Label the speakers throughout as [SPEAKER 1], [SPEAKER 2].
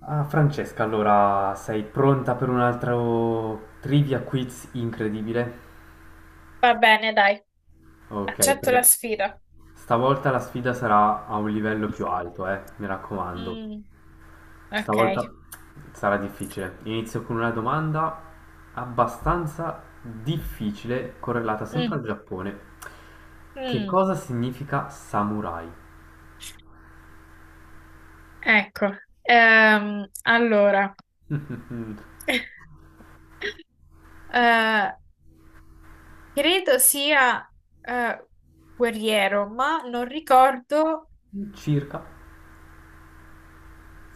[SPEAKER 1] Ah, Francesca, allora sei pronta per un altro trivia quiz incredibile?
[SPEAKER 2] Va bene, dai,
[SPEAKER 1] Ok,
[SPEAKER 2] accetto la
[SPEAKER 1] perché
[SPEAKER 2] sfida.
[SPEAKER 1] stavolta la sfida sarà a un livello più alto, mi raccomando.
[SPEAKER 2] Mm,
[SPEAKER 1] Stavolta
[SPEAKER 2] ok.
[SPEAKER 1] sarà difficile. Inizio con una domanda abbastanza difficile, correlata sempre
[SPEAKER 2] Mm,
[SPEAKER 1] al Giappone. Che
[SPEAKER 2] mm.
[SPEAKER 1] cosa significa samurai?
[SPEAKER 2] Ecco, allora,
[SPEAKER 1] Mm,
[SPEAKER 2] eh, credo sia eh, guerriero, ma non ricordo.
[SPEAKER 1] circa,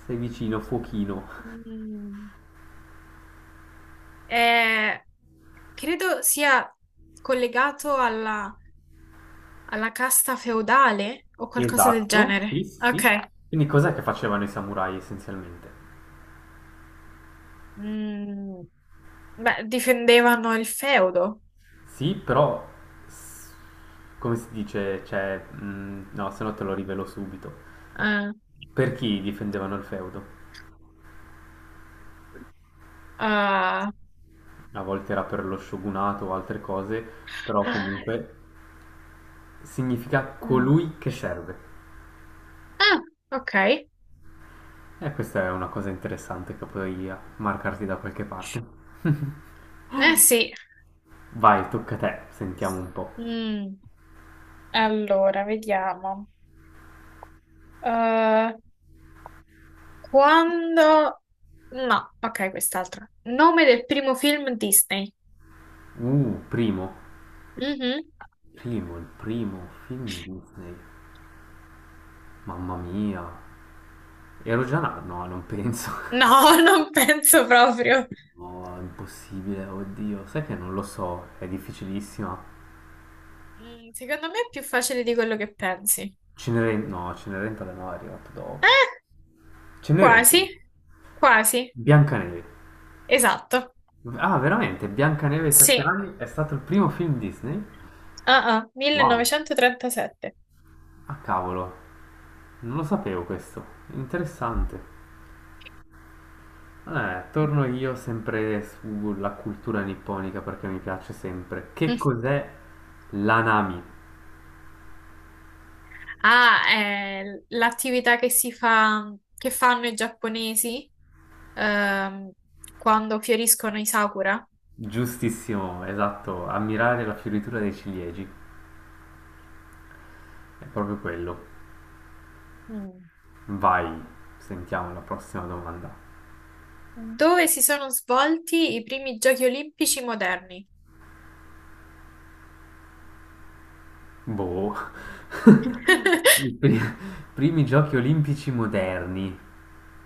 [SPEAKER 1] sei vicino, fuochino.
[SPEAKER 2] Mm, eh, credo sia collegato alla casta feudale o qualcosa del
[SPEAKER 1] Esatto, sì,
[SPEAKER 2] genere.
[SPEAKER 1] sì,
[SPEAKER 2] Ok,
[SPEAKER 1] sì. Quindi cos'è che facevano i samurai essenzialmente?
[SPEAKER 2] mm, beh, difendevano il feudo.
[SPEAKER 1] Sì, però, s- come si dice, cioè, no, se no te lo rivelo subito.
[SPEAKER 2] Ah,
[SPEAKER 1] Per chi difendevano il feudo?
[SPEAKER 2] ah,
[SPEAKER 1] A volte era per lo shogunato o altre cose, però
[SPEAKER 2] ah.
[SPEAKER 1] comunque significa
[SPEAKER 2] Mm.
[SPEAKER 1] colui che serve.
[SPEAKER 2] Ah, ok.
[SPEAKER 1] E questa è una cosa interessante che puoi marcarti da qualche parte.
[SPEAKER 2] Eh sì.
[SPEAKER 1] Vai, tocca a te, sentiamo un po'.
[SPEAKER 2] Mm. Allora, vediamo. Eh, quando... No, ok, quest'altra. Nome del primo film Disney.
[SPEAKER 1] Primo.
[SPEAKER 2] Mhm.
[SPEAKER 1] Primo, il primo film Disney. Mamma mia. Ero già là? No, non penso.
[SPEAKER 2] No, non penso proprio.
[SPEAKER 1] No, è impossibile, oddio. Sai che non lo so, è difficilissima.
[SPEAKER 2] Mm, secondo me è più facile di quello che pensi.
[SPEAKER 1] Cenerentola no, è arrivato dopo.
[SPEAKER 2] Eh, quasi.
[SPEAKER 1] Cenerentola.
[SPEAKER 2] Quasi.
[SPEAKER 1] Biancaneve.
[SPEAKER 2] Esatto.
[SPEAKER 1] Ah, veramente, Biancaneve e i sette
[SPEAKER 2] Sì.
[SPEAKER 1] anni è stato il primo film Disney?
[SPEAKER 2] Ah, ah,
[SPEAKER 1] Wow.
[SPEAKER 2] 1937.
[SPEAKER 1] Ah, cavolo. Non lo sapevo questo. Interessante. Torno io sempre sulla cultura nipponica perché mi piace sempre. Che cos'è l'anami?
[SPEAKER 2] Ah, è l'attività che si fa, che fanno i giapponesi ehm, quando fioriscono i sakura.
[SPEAKER 1] Giustissimo, esatto, ammirare la fioritura dei ciliegi. È proprio quello.
[SPEAKER 2] Mm.
[SPEAKER 1] Vai, sentiamo la prossima domanda.
[SPEAKER 2] Dove si sono svolti i primi giochi olimpici moderni?
[SPEAKER 1] Boh. I pri- Primi giochi olimpici moderni.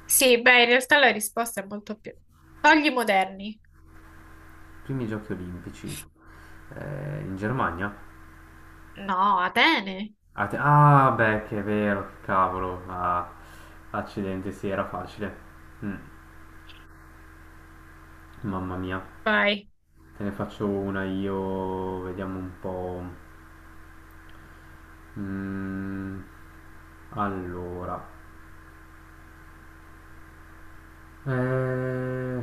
[SPEAKER 2] Sì, beh, in realtà la risposta è molto più... Togli moderni?
[SPEAKER 1] Primi giochi olimpici. In Germania?
[SPEAKER 2] No, Atene.
[SPEAKER 1] Ah, beh, che è vero, che cavolo. Ah, accidente, sì, era facile. Mm. Mamma mia,
[SPEAKER 2] Vai,
[SPEAKER 1] te ne faccio una io, vediamo un po'. Mm, allora, Eh,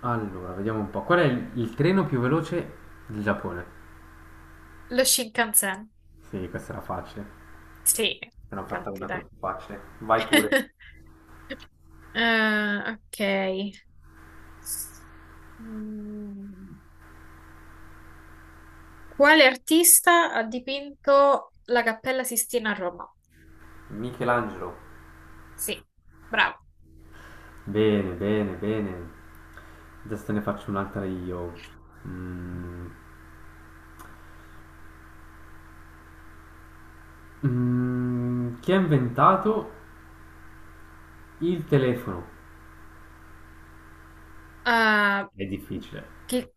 [SPEAKER 1] allora, vediamo un po'. Qual è il treno più veloce del Giappone?
[SPEAKER 2] lo Shinkansen.
[SPEAKER 1] Sì, questa era facile.
[SPEAKER 2] Sì,
[SPEAKER 1] Ne ho fatta
[SPEAKER 2] infatti,
[SPEAKER 1] una
[SPEAKER 2] dai.
[SPEAKER 1] troppo facile. Vai pure.
[SPEAKER 2] Ok. Mm. Quale artista ha dipinto la Cappella Sistina a Roma?
[SPEAKER 1] Michelangelo.
[SPEAKER 2] Sì, bravo.
[SPEAKER 1] Bene, bene, bene. Adesso te ne faccio un'altra io. Mm, chi ha inventato il telefono?
[SPEAKER 2] Ah,
[SPEAKER 1] È difficile.
[SPEAKER 2] che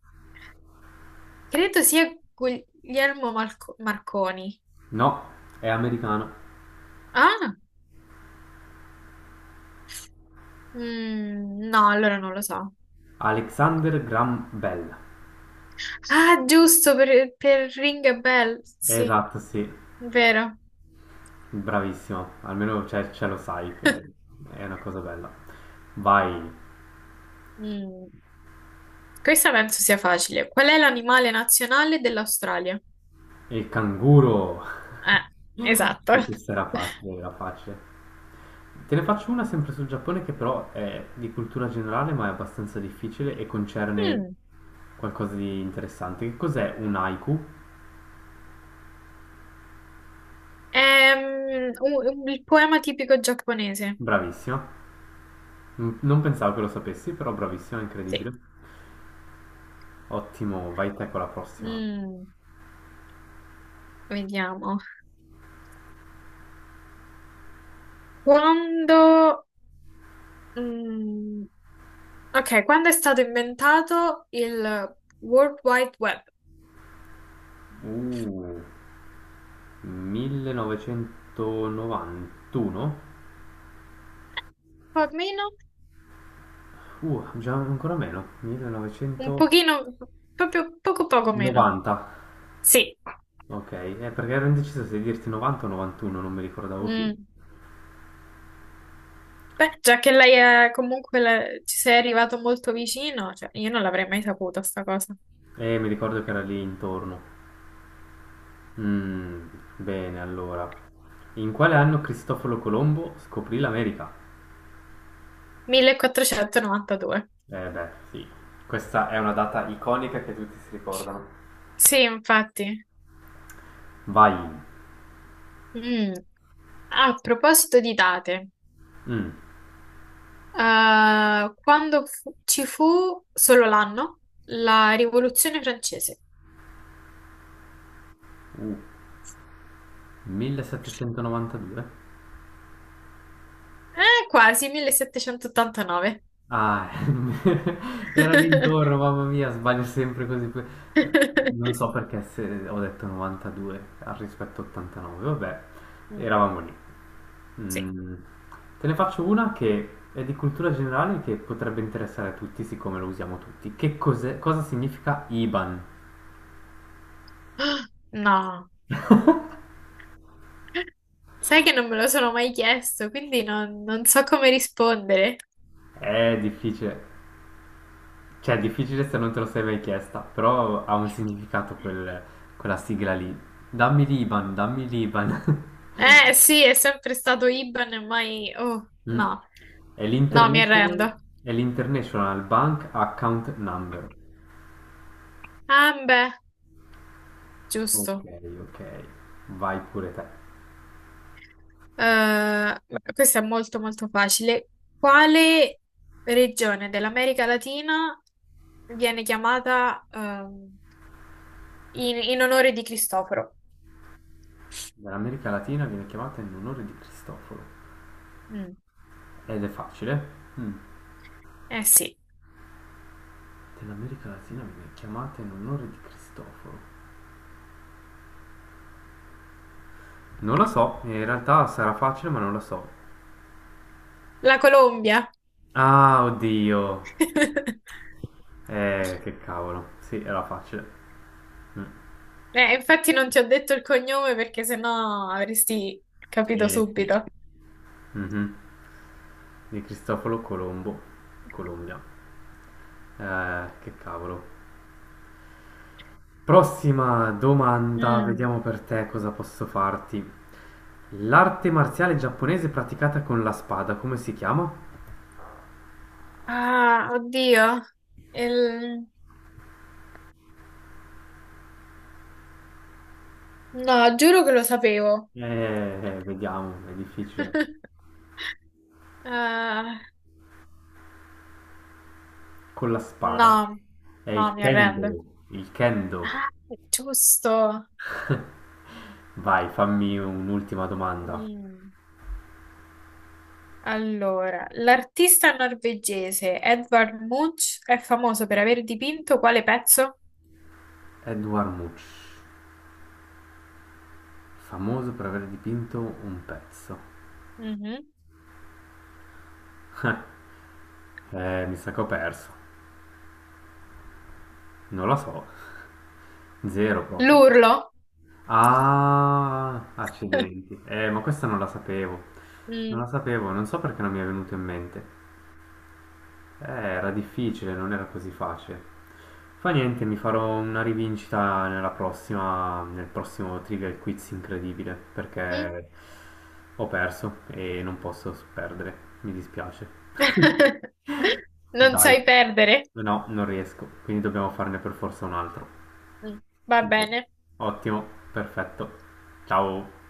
[SPEAKER 2] credo sia Guglielmo Marco- Marconi.
[SPEAKER 1] No, è americano.
[SPEAKER 2] Ah, mm, no, allora non lo so.
[SPEAKER 1] Alexander Graham Bell.
[SPEAKER 2] Ah, giusto, per Ring a Bell, sì,
[SPEAKER 1] Esatto, sì,
[SPEAKER 2] vero.
[SPEAKER 1] bravissimo. Almeno ce lo sai, che è una cosa bella. Vai,
[SPEAKER 2] Mm, questa penso sia facile. Qual è l'animale nazionale dell'Australia?
[SPEAKER 1] il canguro.
[SPEAKER 2] Eh, esatto.
[SPEAKER 1] Sì, questa era facile, era facile. Te ne faccio una sempre sul Giappone che però è di cultura generale, ma è abbastanza difficile e concerne
[SPEAKER 2] Mm,
[SPEAKER 1] qualcosa di interessante. Che cos'è un haiku?
[SPEAKER 2] è il poema tipico giapponese.
[SPEAKER 1] Bravissima. Mm, non pensavo che lo sapessi, però bravissima,
[SPEAKER 2] Sì.
[SPEAKER 1] incredibile. Ottimo, vai te con la prossima.
[SPEAKER 2] Mm, vediamo. Quando... mm, ok, quando è stato inventato il World Wide Web?
[SPEAKER 1] Uh, 1991?
[SPEAKER 2] Un po' meno,
[SPEAKER 1] Già ancora meno.
[SPEAKER 2] un
[SPEAKER 1] 1990.
[SPEAKER 2] pochino, proprio poco poco meno. Sì.
[SPEAKER 1] Ok, perché ero indeciso se dirti 90 o 91, non mi ricordavo più.
[SPEAKER 2] Mm. Beh, già che lei è comunque ci sei arrivato molto vicino, cioè io non l'avrei mai saputo sta cosa.
[SPEAKER 1] Mi ricordo che era lì intorno. Mm, bene, allora. In quale anno Cristoforo Colombo scoprì l'America?
[SPEAKER 2] 1492.
[SPEAKER 1] Eh beh, sì. Questa è una data iconica che tutti si ricordano.
[SPEAKER 2] Sì, infatti.
[SPEAKER 1] Vai.
[SPEAKER 2] Mm. A proposito di date.
[SPEAKER 1] Mm,
[SPEAKER 2] Ci fu solo l'anno, la Rivoluzione francese.
[SPEAKER 1] 1792?
[SPEAKER 2] Quasi 1789.
[SPEAKER 1] Ah, era l'intorno, mamma mia, sbaglio sempre così. Eh, Non so perché se ho detto 92 al rispetto 89, vabbè,
[SPEAKER 2] Mm,
[SPEAKER 1] eravamo lì.
[SPEAKER 2] sì.
[SPEAKER 1] Mm, te ne faccio una che è di cultura generale che potrebbe interessare a tutti, siccome lo usiamo tutti. Che cos'è, cosa significa IBAN?
[SPEAKER 2] No, sai che non me lo sono mai chiesto, quindi non so come rispondere.
[SPEAKER 1] È difficile, cioè è difficile se non te lo sei mai chiesta, però ha un significato quella sigla lì. Dammi l'IBAN, dammi l'IBAN.
[SPEAKER 2] Sì, è sempre stato IBAN e mai... Oh,
[SPEAKER 1] Mm.
[SPEAKER 2] no,
[SPEAKER 1] È
[SPEAKER 2] no, mi
[SPEAKER 1] l'International,
[SPEAKER 2] arrendo.
[SPEAKER 1] è l'International Bank Account Number.
[SPEAKER 2] Ah, beh,
[SPEAKER 1] Ok,
[SPEAKER 2] giusto.
[SPEAKER 1] ok. Vai pure te.
[SPEAKER 2] Eh, questa è molto molto facile. Quale regione dell'America Latina viene chiamata in onore di Cristoforo?
[SPEAKER 1] Dall'America Latina viene chiamata in onore di Cristoforo.
[SPEAKER 2] Mm,
[SPEAKER 1] Ed è facile. Mm.
[SPEAKER 2] eh sì,
[SPEAKER 1] Dell'America Latina viene chiamata in onore di Cristoforo. Non la so, in realtà sarà facile, ma non la so.
[SPEAKER 2] la Colombia.
[SPEAKER 1] Ah, oddio. Che cavolo. Sì, era facile. Mm.
[SPEAKER 2] Infatti non ti ho detto il cognome perché sennò avresti capito
[SPEAKER 1] Sì.
[SPEAKER 2] subito.
[SPEAKER 1] Mhm. Di Cristoforo Colombo, Colombia. Che cavolo. Prossima domanda,
[SPEAKER 2] Mm.
[SPEAKER 1] vediamo per te cosa posso farti. L'arte marziale giapponese praticata con la spada, come si chiama?
[SPEAKER 2] Ah, oddio. Il- No, giuro che lo sapevo.
[SPEAKER 1] Vediamo, è difficile.
[SPEAKER 2] Ah.
[SPEAKER 1] Con la spada.
[SPEAKER 2] No,
[SPEAKER 1] È il
[SPEAKER 2] no, mi arrendo.
[SPEAKER 1] kendo, il kendo.
[SPEAKER 2] Ah, è giusto.
[SPEAKER 1] Vai, fammi un'ultima domanda.
[SPEAKER 2] Mm. Allora, l'artista norvegese Edvard Munch è famoso per aver dipinto quale pezzo?
[SPEAKER 1] Edward Much, famoso per aver dipinto un pezzo.
[SPEAKER 2] Mhm.
[SPEAKER 1] Mi sa che ho perso. Non lo so. Zero proprio.
[SPEAKER 2] L'urlo?
[SPEAKER 1] Ah, accidenti. Ma questa non la sapevo. Non
[SPEAKER 2] Mm.
[SPEAKER 1] la sapevo, non so perché non mi è venuto in mente. Era difficile, non era così facile. Fa niente, mi farò una rivincita nella prossima, nel prossimo Trivial Quiz incredibile,
[SPEAKER 2] Mm.
[SPEAKER 1] perché ho perso e non posso perdere. Mi dispiace.
[SPEAKER 2] Non
[SPEAKER 1] Dai.
[SPEAKER 2] sai perdere?
[SPEAKER 1] No, non riesco, quindi dobbiamo farne per forza un altro.
[SPEAKER 2] Mm. Va
[SPEAKER 1] Dai.
[SPEAKER 2] bene.
[SPEAKER 1] Ottimo, perfetto. Ciao.